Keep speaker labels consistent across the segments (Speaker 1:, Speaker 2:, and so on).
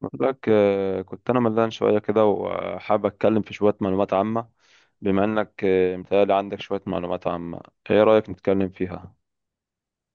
Speaker 1: بقول لك كنت انا ملان شويه كده، وحابب اتكلم في شويه معلومات عامه. بما انك متهيألي عندك شويه معلومات عامه. ايه رايك نتكلم فيها؟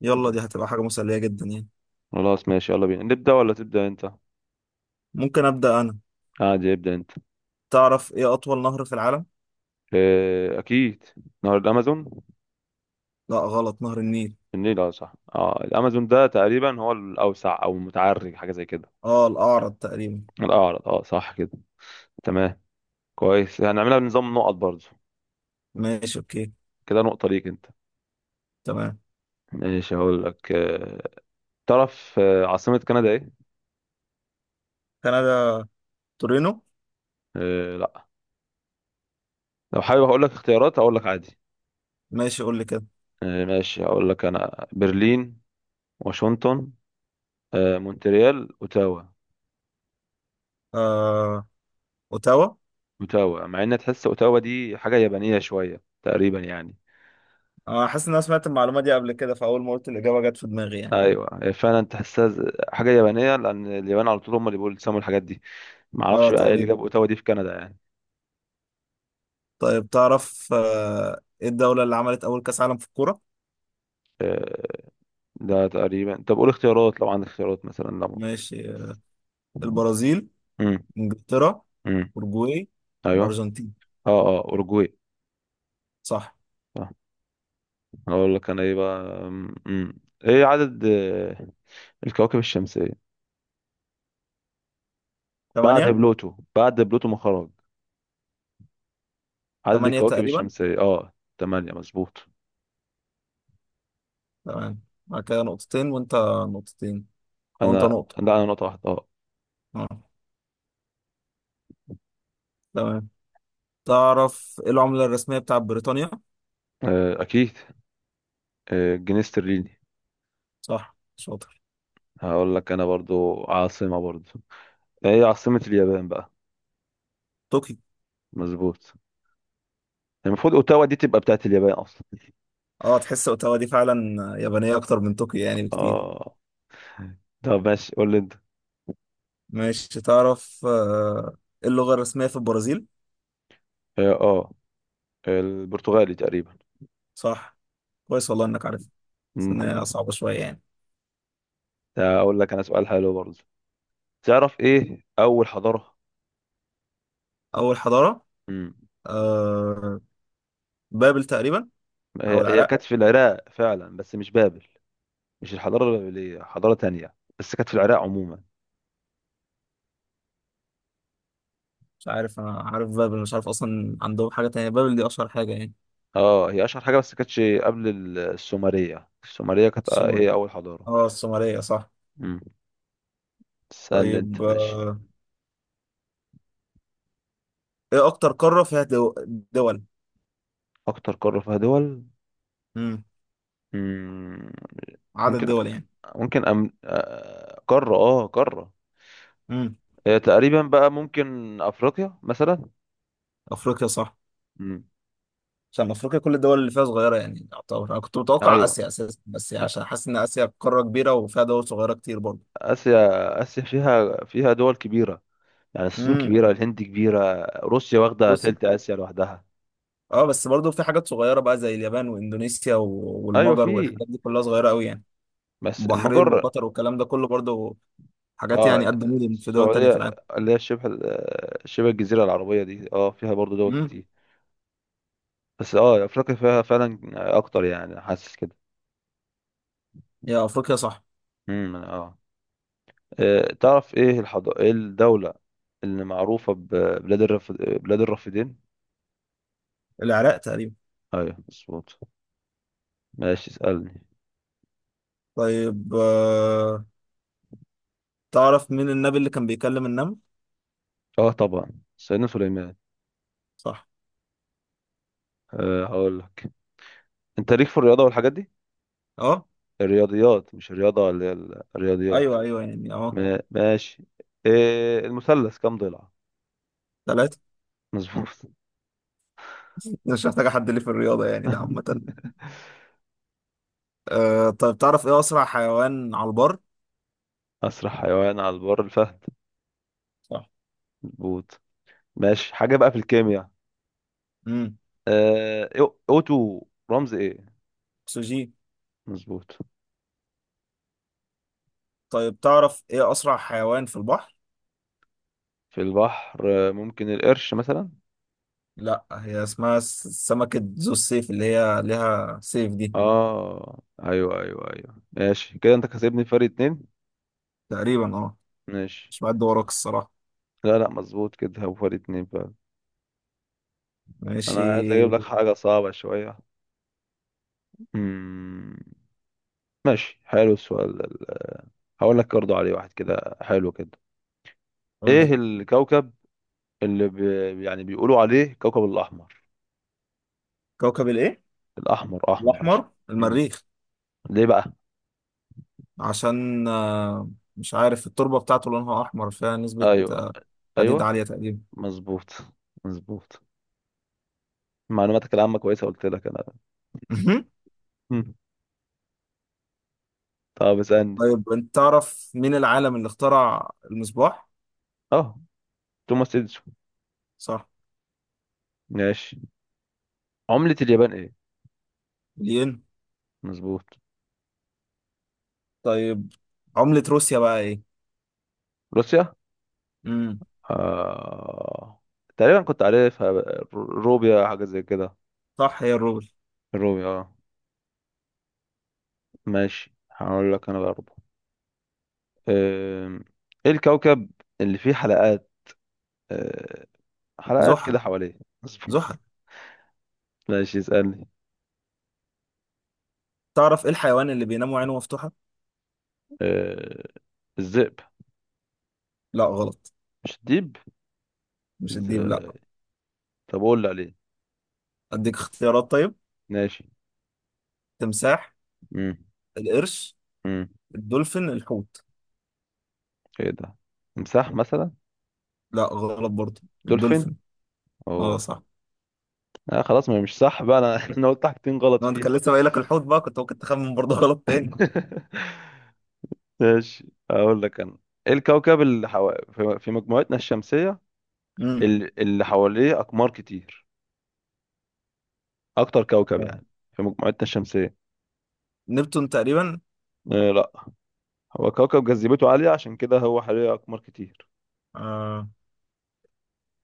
Speaker 2: يلا دي هتبقى حاجة مسلية جدا يعني.
Speaker 1: خلاص ماشي، يلا بينا نبدا ولا تبدا انت؟
Speaker 2: ممكن أبدأ أنا.
Speaker 1: عادي، ابدا انت.
Speaker 2: تعرف إيه أطول نهر في العالم؟
Speaker 1: اكيد. نهر الامازون.
Speaker 2: لا غلط، نهر النيل.
Speaker 1: النيل، اه صح، اه الامازون ده تقريبا هو الاوسع او المتعرج، حاجه زي كده.
Speaker 2: آه الأعرض تقريبا.
Speaker 1: الاعرض، اه صح كده. تمام. كويس، هنعملها بنظام نقط برضه.
Speaker 2: ماشي أوكي.
Speaker 1: كده نقطه ليك انت.
Speaker 2: تمام.
Speaker 1: ماشي، هقول لك تعرف عاصمه كندا ايه؟
Speaker 2: كندا. تورينو.
Speaker 1: لا. لو حابب هقول لك اختيارات، اقول لك عادي.
Speaker 2: ماشي قول لي كده.
Speaker 1: ماشي، هقول لك انا برلين، واشنطن، مونتريال، اوتاوا.
Speaker 2: آه أوتاوا.
Speaker 1: اوتاوا، مع ان تحس اوتاوا دي حاجه يابانيه شويه تقريبا يعني.
Speaker 2: آه، حاسس إن أنا سمعت المعلومة دي قبل كده فأول ما قلت الإجابة جت في دماغي يعني.
Speaker 1: ايوه هي فعلا تحسها حاجه يابانيه، لان اليابان على طول هم اللي بيسموا الحاجات دي. ما
Speaker 2: آه
Speaker 1: اعرفش بقى ايه اللي
Speaker 2: تقريبا.
Speaker 1: جاب اوتاوا دي في كندا يعني.
Speaker 2: طيب تعرف إيه الدولة اللي عملت أول كأس عالم في الكورة؟
Speaker 1: آه، ده تقريبا، طب قول اختيارات لو عندك اختيارات مثلا لو...
Speaker 2: ماشي، البرازيل.
Speaker 1: امم.
Speaker 2: إنجلترا.
Speaker 1: امم.
Speaker 2: أورجواي.
Speaker 1: ايوه.
Speaker 2: الأرجنتين.
Speaker 1: اه اه اورجواي.
Speaker 2: صح.
Speaker 1: صح. هقول لك انا ايه بقى؟ امم. ايه عدد الكواكب الشمسية؟ بعد
Speaker 2: ثمانية.
Speaker 1: بلوتو، بعد بلوتو ما خرج. عدد
Speaker 2: ثمانية
Speaker 1: الكواكب
Speaker 2: تقريبا.
Speaker 1: الشمسية اه تمانية، مظبوط.
Speaker 2: تمام. بعد كده نقطتين وانت. نقطتين. او
Speaker 1: انا؟
Speaker 2: انت نقطة.
Speaker 1: لا انا نقطة واحدة اه.
Speaker 2: اه. تمام. تعرف ايه العملة الرسمية بتاعت بريطانيا؟
Speaker 1: اكيد. الجنيه استرليني.
Speaker 2: صح شاطر.
Speaker 1: هقول لك انا برضو، عاصمة برضو. هي عاصمة اليابان بقى؟
Speaker 2: طوكيو.
Speaker 1: مظبوط. المفروض اوتاوا دي تبقى بتاعت اليابان اصلا.
Speaker 2: اه تحس اوتاوا دي فعلا يابانية اكتر من طوكيو يعني بكتير.
Speaker 1: اه، طب ماشي قول لي انت.
Speaker 2: ماشي تعرف ايه اللغة الرسمية في البرازيل؟
Speaker 1: اه، البرتغالي تقريبا.
Speaker 2: صح. كويس والله انك عارف. بس
Speaker 1: مم.
Speaker 2: إن هي صعبة شوية يعني.
Speaker 1: اقول لك انا سؤال حلو برضو. تعرف ايه اول حضارة؟
Speaker 2: اول حضارة.
Speaker 1: مم.
Speaker 2: آه بابل تقريبا. او
Speaker 1: هي
Speaker 2: العراق.
Speaker 1: كانت في العراق فعلا، بس مش بابل. مش الحضاره البابليه، حضاره تانية. بس كانت في العراق عموما.
Speaker 2: مش عارف، انا عارف بابل، مش عارف اصلا عندهم حاجة تانية، بابل دي اشهر حاجة يعني.
Speaker 1: اه هي اشهر حاجه، بس كانتش قبل السومريه. السومريه كانت
Speaker 2: السومر.
Speaker 1: هي اول حضاره.
Speaker 2: اه السومرية صح.
Speaker 1: امم. استنى انت
Speaker 2: طيب
Speaker 1: ماشي.
Speaker 2: ايه اكتر قارة فيها دول؟
Speaker 1: اكتر قاره فيها دول.
Speaker 2: امم.
Speaker 1: مم.
Speaker 2: عدد
Speaker 1: ممكن.
Speaker 2: دول يعني.
Speaker 1: ممكن أم... آه، قاره اه قاره.
Speaker 2: امم.
Speaker 1: تقريبا بقى، ممكن افريقيا مثلا.
Speaker 2: افريقيا صح.
Speaker 1: امم.
Speaker 2: عشان افريقيا كل الدول اللي فيها صغيرة يعني، يعتبر انا كنت متوقع
Speaker 1: ايوه.
Speaker 2: اسيا اساسا بس يعني
Speaker 1: آ-
Speaker 2: عشان حاسس ان اسيا قارة كبيرة وفيها دول صغيرة كتير برضه.
Speaker 1: اسيا، اسيا فيها دول كبيره. يعني الصين
Speaker 2: امم.
Speaker 1: كبيره، الهند كبيره، روسيا واخده
Speaker 2: بص.
Speaker 1: تلت اسيا لوحدها.
Speaker 2: اه بس برضه في حاجات صغيرة بقى زي اليابان واندونيسيا
Speaker 1: ايوه
Speaker 2: والمجر
Speaker 1: في.
Speaker 2: والحاجات دي كلها صغيرة قوي يعني.
Speaker 1: بس
Speaker 2: البحرين
Speaker 1: المجره.
Speaker 2: وقطر والكلام ده كله برضه حاجات
Speaker 1: اه
Speaker 2: يعني قد مدن في دول تانية
Speaker 1: السعودية،
Speaker 2: في العالم.
Speaker 1: اللي هي شبه الجزيرة العربية دي، اه فيها برضو دول
Speaker 2: امم.
Speaker 1: كتير. بس اه افريقيا فيها فعلا اكتر، يعني حاسس كده.
Speaker 2: يا افريقيا صح.
Speaker 1: اه. تعرف ايه الحضارة، ايه الدولة اللي معروفة بلاد الرافدين؟
Speaker 2: العراق تقريبا.
Speaker 1: ايوه مظبوط. ماشي اسألني.
Speaker 2: طيب، تعرف مين النبي اللي كان بيكلم النمل؟
Speaker 1: اه طبعا. سيدنا سليمان.
Speaker 2: صح.
Speaker 1: أه هقول لك. انت ليك في الرياضة والحاجات دي؟
Speaker 2: اه.
Speaker 1: الرياضيات مش الرياضة، اللي هي الرياضيات.
Speaker 2: ايوه ايوه يعني اه.
Speaker 1: ماشي. إيه المثلث كام ضلع؟
Speaker 2: ثلاثة.
Speaker 1: مظبوط.
Speaker 2: مش محتاجة حد ليه في الرياضة يعني، ده عامة. آه طيب تعرف ايه أسرع حيوان على البر؟
Speaker 1: أسرع حيوان على البر الفهد.
Speaker 2: صح.
Speaker 1: مظبوط. ماشي حاجة بقى في الكيمياء.
Speaker 2: امم.
Speaker 1: أوتو رمز إيه؟
Speaker 2: سوجي.
Speaker 1: مظبوط.
Speaker 2: طيب تعرف ايه أسرع حيوان في البحر؟
Speaker 1: في البحر ممكن القرش مثلا.
Speaker 2: لا، هي اسمها سمكة ذو السيف اللي هي ليها سيف دي.
Speaker 1: آه أيوه أيوه أيوه، ماشي كده، أنت كسبني فرق اتنين.
Speaker 2: تقريبا اه.
Speaker 1: ماشي.
Speaker 2: مش بعد وراك الصراحة.
Speaker 1: لا لا، مظبوط كده، هو فرق اتنين فعلا. أنا
Speaker 2: ماشي
Speaker 1: عايز أجيب لك حاجة صعبة شوية. مم. ماشي، حلو السؤال ده. هقول لك برضه عليه واحد كده حلو كده.
Speaker 2: قول لي.
Speaker 1: إيه الكوكب اللي يعني بيقولوا عليه كوكب الأحمر؟
Speaker 2: كوكب الايه؟
Speaker 1: الاحمر، احمر عشان...
Speaker 2: الأحمر،
Speaker 1: مم.
Speaker 2: المريخ.
Speaker 1: ليه بقى؟
Speaker 2: عشان آه، مش عارف، التربة بتاعته لونها أحمر، فيها نسبة
Speaker 1: ايوه.
Speaker 2: حديد
Speaker 1: ايوه.
Speaker 2: عالية تقريبا.
Speaker 1: مظبوط. مظبوط. معلوماتك العامه كويسه، قلت لك انا.
Speaker 2: مهم.
Speaker 1: مم. طب اسالني.
Speaker 2: طيب انت تعرف مين العالم اللي اخترع المصباح؟
Speaker 1: اه توماس اديسون.
Speaker 2: صح.
Speaker 1: ماشي. عمله اليابان ايه؟
Speaker 2: الين.
Speaker 1: مظبوط.
Speaker 2: طيب عملة روسيا بقى ايه؟
Speaker 1: روسيا.
Speaker 2: امم.
Speaker 1: آه... تقريبا كنت عارفها، روبيا حاجه زي كده.
Speaker 2: صح، هي الروبل.
Speaker 1: الروبيا اه. ماشي هقول لك انا برضه. آم، ايه الكوكب اللي فيه حلقات، آه، حلقات
Speaker 2: زحل.
Speaker 1: كده حواليه؟
Speaker 2: زحل.
Speaker 1: مظبوط. ماشي اسالني.
Speaker 2: تعرف ايه الحيوان اللي بينام وعينه مفتوحة؟
Speaker 1: آه، الذئب.
Speaker 2: لا غلط.
Speaker 1: مش ديب؟
Speaker 2: مش الديب، لا.
Speaker 1: ازاي؟ طب اقول اللي عليه.
Speaker 2: اديك اختيارات طيب.
Speaker 1: ماشي.
Speaker 2: تمساح.
Speaker 1: امم.
Speaker 2: القرش.
Speaker 1: امم.
Speaker 2: الدولفين، الحوت.
Speaker 1: ايه ده؟ تمساح مثلا.
Speaker 2: لا غلط برضه،
Speaker 1: دولفين.
Speaker 2: الدولفين. اه
Speaker 1: اوه.
Speaker 2: صح.
Speaker 1: آه خلاص، ما هي مش صح بقى، انا انا قلت حاجتين غلط
Speaker 2: لو انت
Speaker 1: فيها.
Speaker 2: كان لسه باقي لك الحوت بقى كنت ممكن تخمن برضه غلط تاني.
Speaker 1: ماشي اقول لك انا. ايه الكوكب في مجموعتنا الشمسية،
Speaker 2: امم.
Speaker 1: اللي حواليه اقمار كتير، اكتر كوكب يعني في مجموعتنا الشمسية؟
Speaker 2: نبتون تقريبا.
Speaker 1: آه لا. هو كوكب جاذبيته عالية، عشان كده هو حواليه اقمار كتير.
Speaker 2: آه.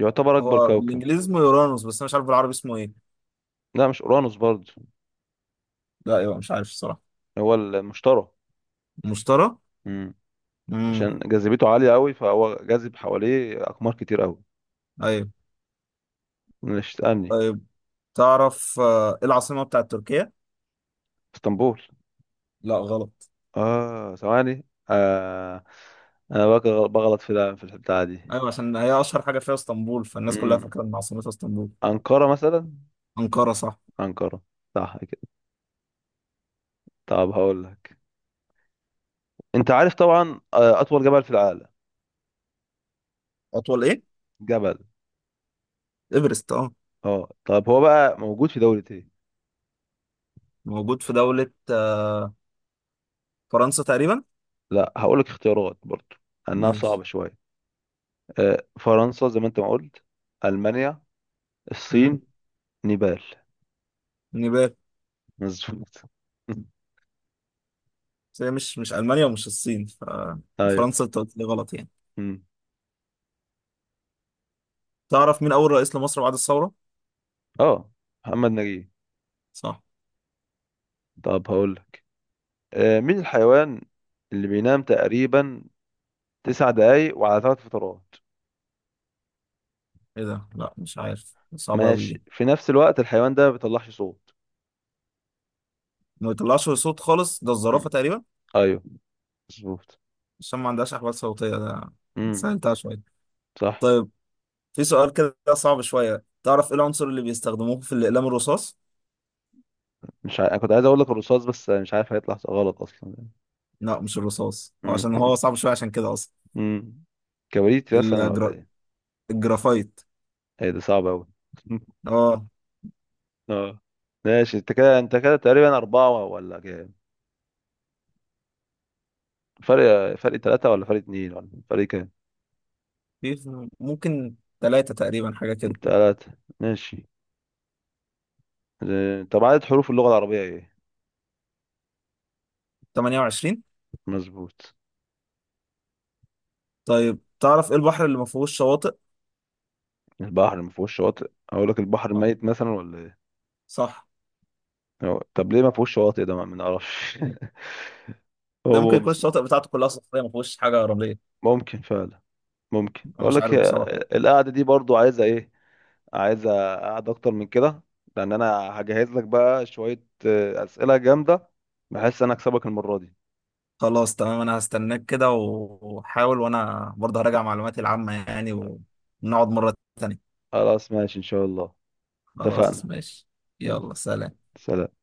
Speaker 1: يعتبر اكبر
Speaker 2: هو
Speaker 1: كوكب.
Speaker 2: بالانجليزي اسمه يورانوس بس انا مش عارف بالعربي اسمه ايه.
Speaker 1: لا مش اورانوس برضه.
Speaker 2: لا ايوه مش عارف الصراحه.
Speaker 1: هو المشتري.
Speaker 2: المشتري.
Speaker 1: مم.
Speaker 2: امم.
Speaker 1: عشان جاذبيته عالية قوي، فهو جاذب حواليه أقمار كتير قوي.
Speaker 2: ايوه.
Speaker 1: مش تسألني؟
Speaker 2: طيب تعرف ايه العاصمه بتاعت تركيا؟
Speaker 1: اسطنبول.
Speaker 2: لا غلط.
Speaker 1: اه ثواني. آه. انا بغلط في ده، في البتاعة دي.
Speaker 2: ايوه عشان هي اشهر حاجه فيها اسطنبول فالناس كلها
Speaker 1: امم.
Speaker 2: فاكره ان عاصمتها اسطنبول.
Speaker 1: أنقرة مثلا.
Speaker 2: انقره صح.
Speaker 1: أنقرة، صح كده. طب هقول لك، انت عارف طبعا اطول جبل في العالم؟
Speaker 2: اطول ايه؟
Speaker 1: جبل.
Speaker 2: ايفرست اه.
Speaker 1: اه طب هو بقى موجود في دولة ايه؟
Speaker 2: موجود في دوله فرنسا تقريبا.
Speaker 1: لا هقول لك اختيارات برضو، انها
Speaker 2: ماشي.
Speaker 1: صعبة شوية. فرنسا زي ما انت ما قلت، المانيا،
Speaker 2: امم.
Speaker 1: الصين، نيبال.
Speaker 2: نيبال.
Speaker 1: مظبوط.
Speaker 2: بس هي مش، مش المانيا ومش الصين، ف
Speaker 1: ايوه.
Speaker 2: فرنسا انت قلت لي غلط يعني.
Speaker 1: مم.
Speaker 2: تعرف مين اول رئيس لمصر بعد الثوره؟
Speaker 1: اه محمد نجيب.
Speaker 2: صح.
Speaker 1: طب هقول لك، آه مين الحيوان اللي بينام تقريبا تسع دقايق وعلى ثلاث فترات؟
Speaker 2: ايه ده، لا مش عارف، صعبه قوي
Speaker 1: ماشي،
Speaker 2: دي.
Speaker 1: في نفس الوقت الحيوان ده ما بيطلعش صوت.
Speaker 2: ما بيطلعش صوت خالص، ده الزرافه
Speaker 1: مم.
Speaker 2: تقريبا.
Speaker 1: ايوه مظبوط.
Speaker 2: عشان ما عندهاش احوال صوتيه ده.
Speaker 1: مم.
Speaker 2: سهلتها شويه.
Speaker 1: صح.
Speaker 2: طيب في سؤال كده صعب شويه، تعرف ايه العنصر اللي بيستخدموه في الاقلام الرصاص؟
Speaker 1: مش ع... انا كنت عايز اقول لك الرصاص، بس مش عارف هيطلع غلط اصلا يعني.
Speaker 2: لا مش الرصاص، هو
Speaker 1: مم.
Speaker 2: عشان هو صعب شويه عشان كده اصلا.
Speaker 1: مم. كبريت مثلا ولا
Speaker 2: الجرا...
Speaker 1: ايه؟
Speaker 2: الجرافايت.
Speaker 1: ايه ده، صعب اوي.
Speaker 2: اه.
Speaker 1: اه. ماشي انت كده، انت كده تقريبا أربعة ولا كام؟ فرق ثلاثة، ولا فرق اتنين، ولا فرق كام؟
Speaker 2: في ممكن ثلاثه تقريبا حاجه كده.
Speaker 1: ثلاثة. ماشي. طب عدد حروف اللغة العربية ايه؟
Speaker 2: 28.
Speaker 1: مظبوط.
Speaker 2: طيب تعرف ايه البحر اللي ما فيهوش شواطئ؟
Speaker 1: البحر ما فيهوش شواطئ؟ اقول لك البحر
Speaker 2: لا.
Speaker 1: ميت مثلا، ولا ايه؟
Speaker 2: صح.
Speaker 1: طب ليه ما فيهوش شواطئ ده، ما نعرفش.
Speaker 2: ده ممكن
Speaker 1: هو
Speaker 2: يكون
Speaker 1: مز-
Speaker 2: الشواطئ بتاعته كلها صخريه ما فيهوش حاجه رمليه.
Speaker 1: ممكن فعلا. ممكن
Speaker 2: انا
Speaker 1: اقول
Speaker 2: مش
Speaker 1: لك،
Speaker 2: عارف
Speaker 1: هي
Speaker 2: بصراحه.
Speaker 1: القعدة دي برضو عايزة ايه؟ عايزة قعدة اكتر من كده، لان انا هجهز لك بقى شوية اسئلة جامدة، بحيث انا اكسبك المرة دي.
Speaker 2: خلاص تمام، انا هستناك كده وحاول، وانا برضه هراجع معلوماتي العامة يعني، ونقعد مرة تانية.
Speaker 1: خلاص ماشي ان شاء الله.
Speaker 2: خلاص
Speaker 1: اتفقنا.
Speaker 2: ماشي.
Speaker 1: ماشي.
Speaker 2: يلا سلام.
Speaker 1: سلام.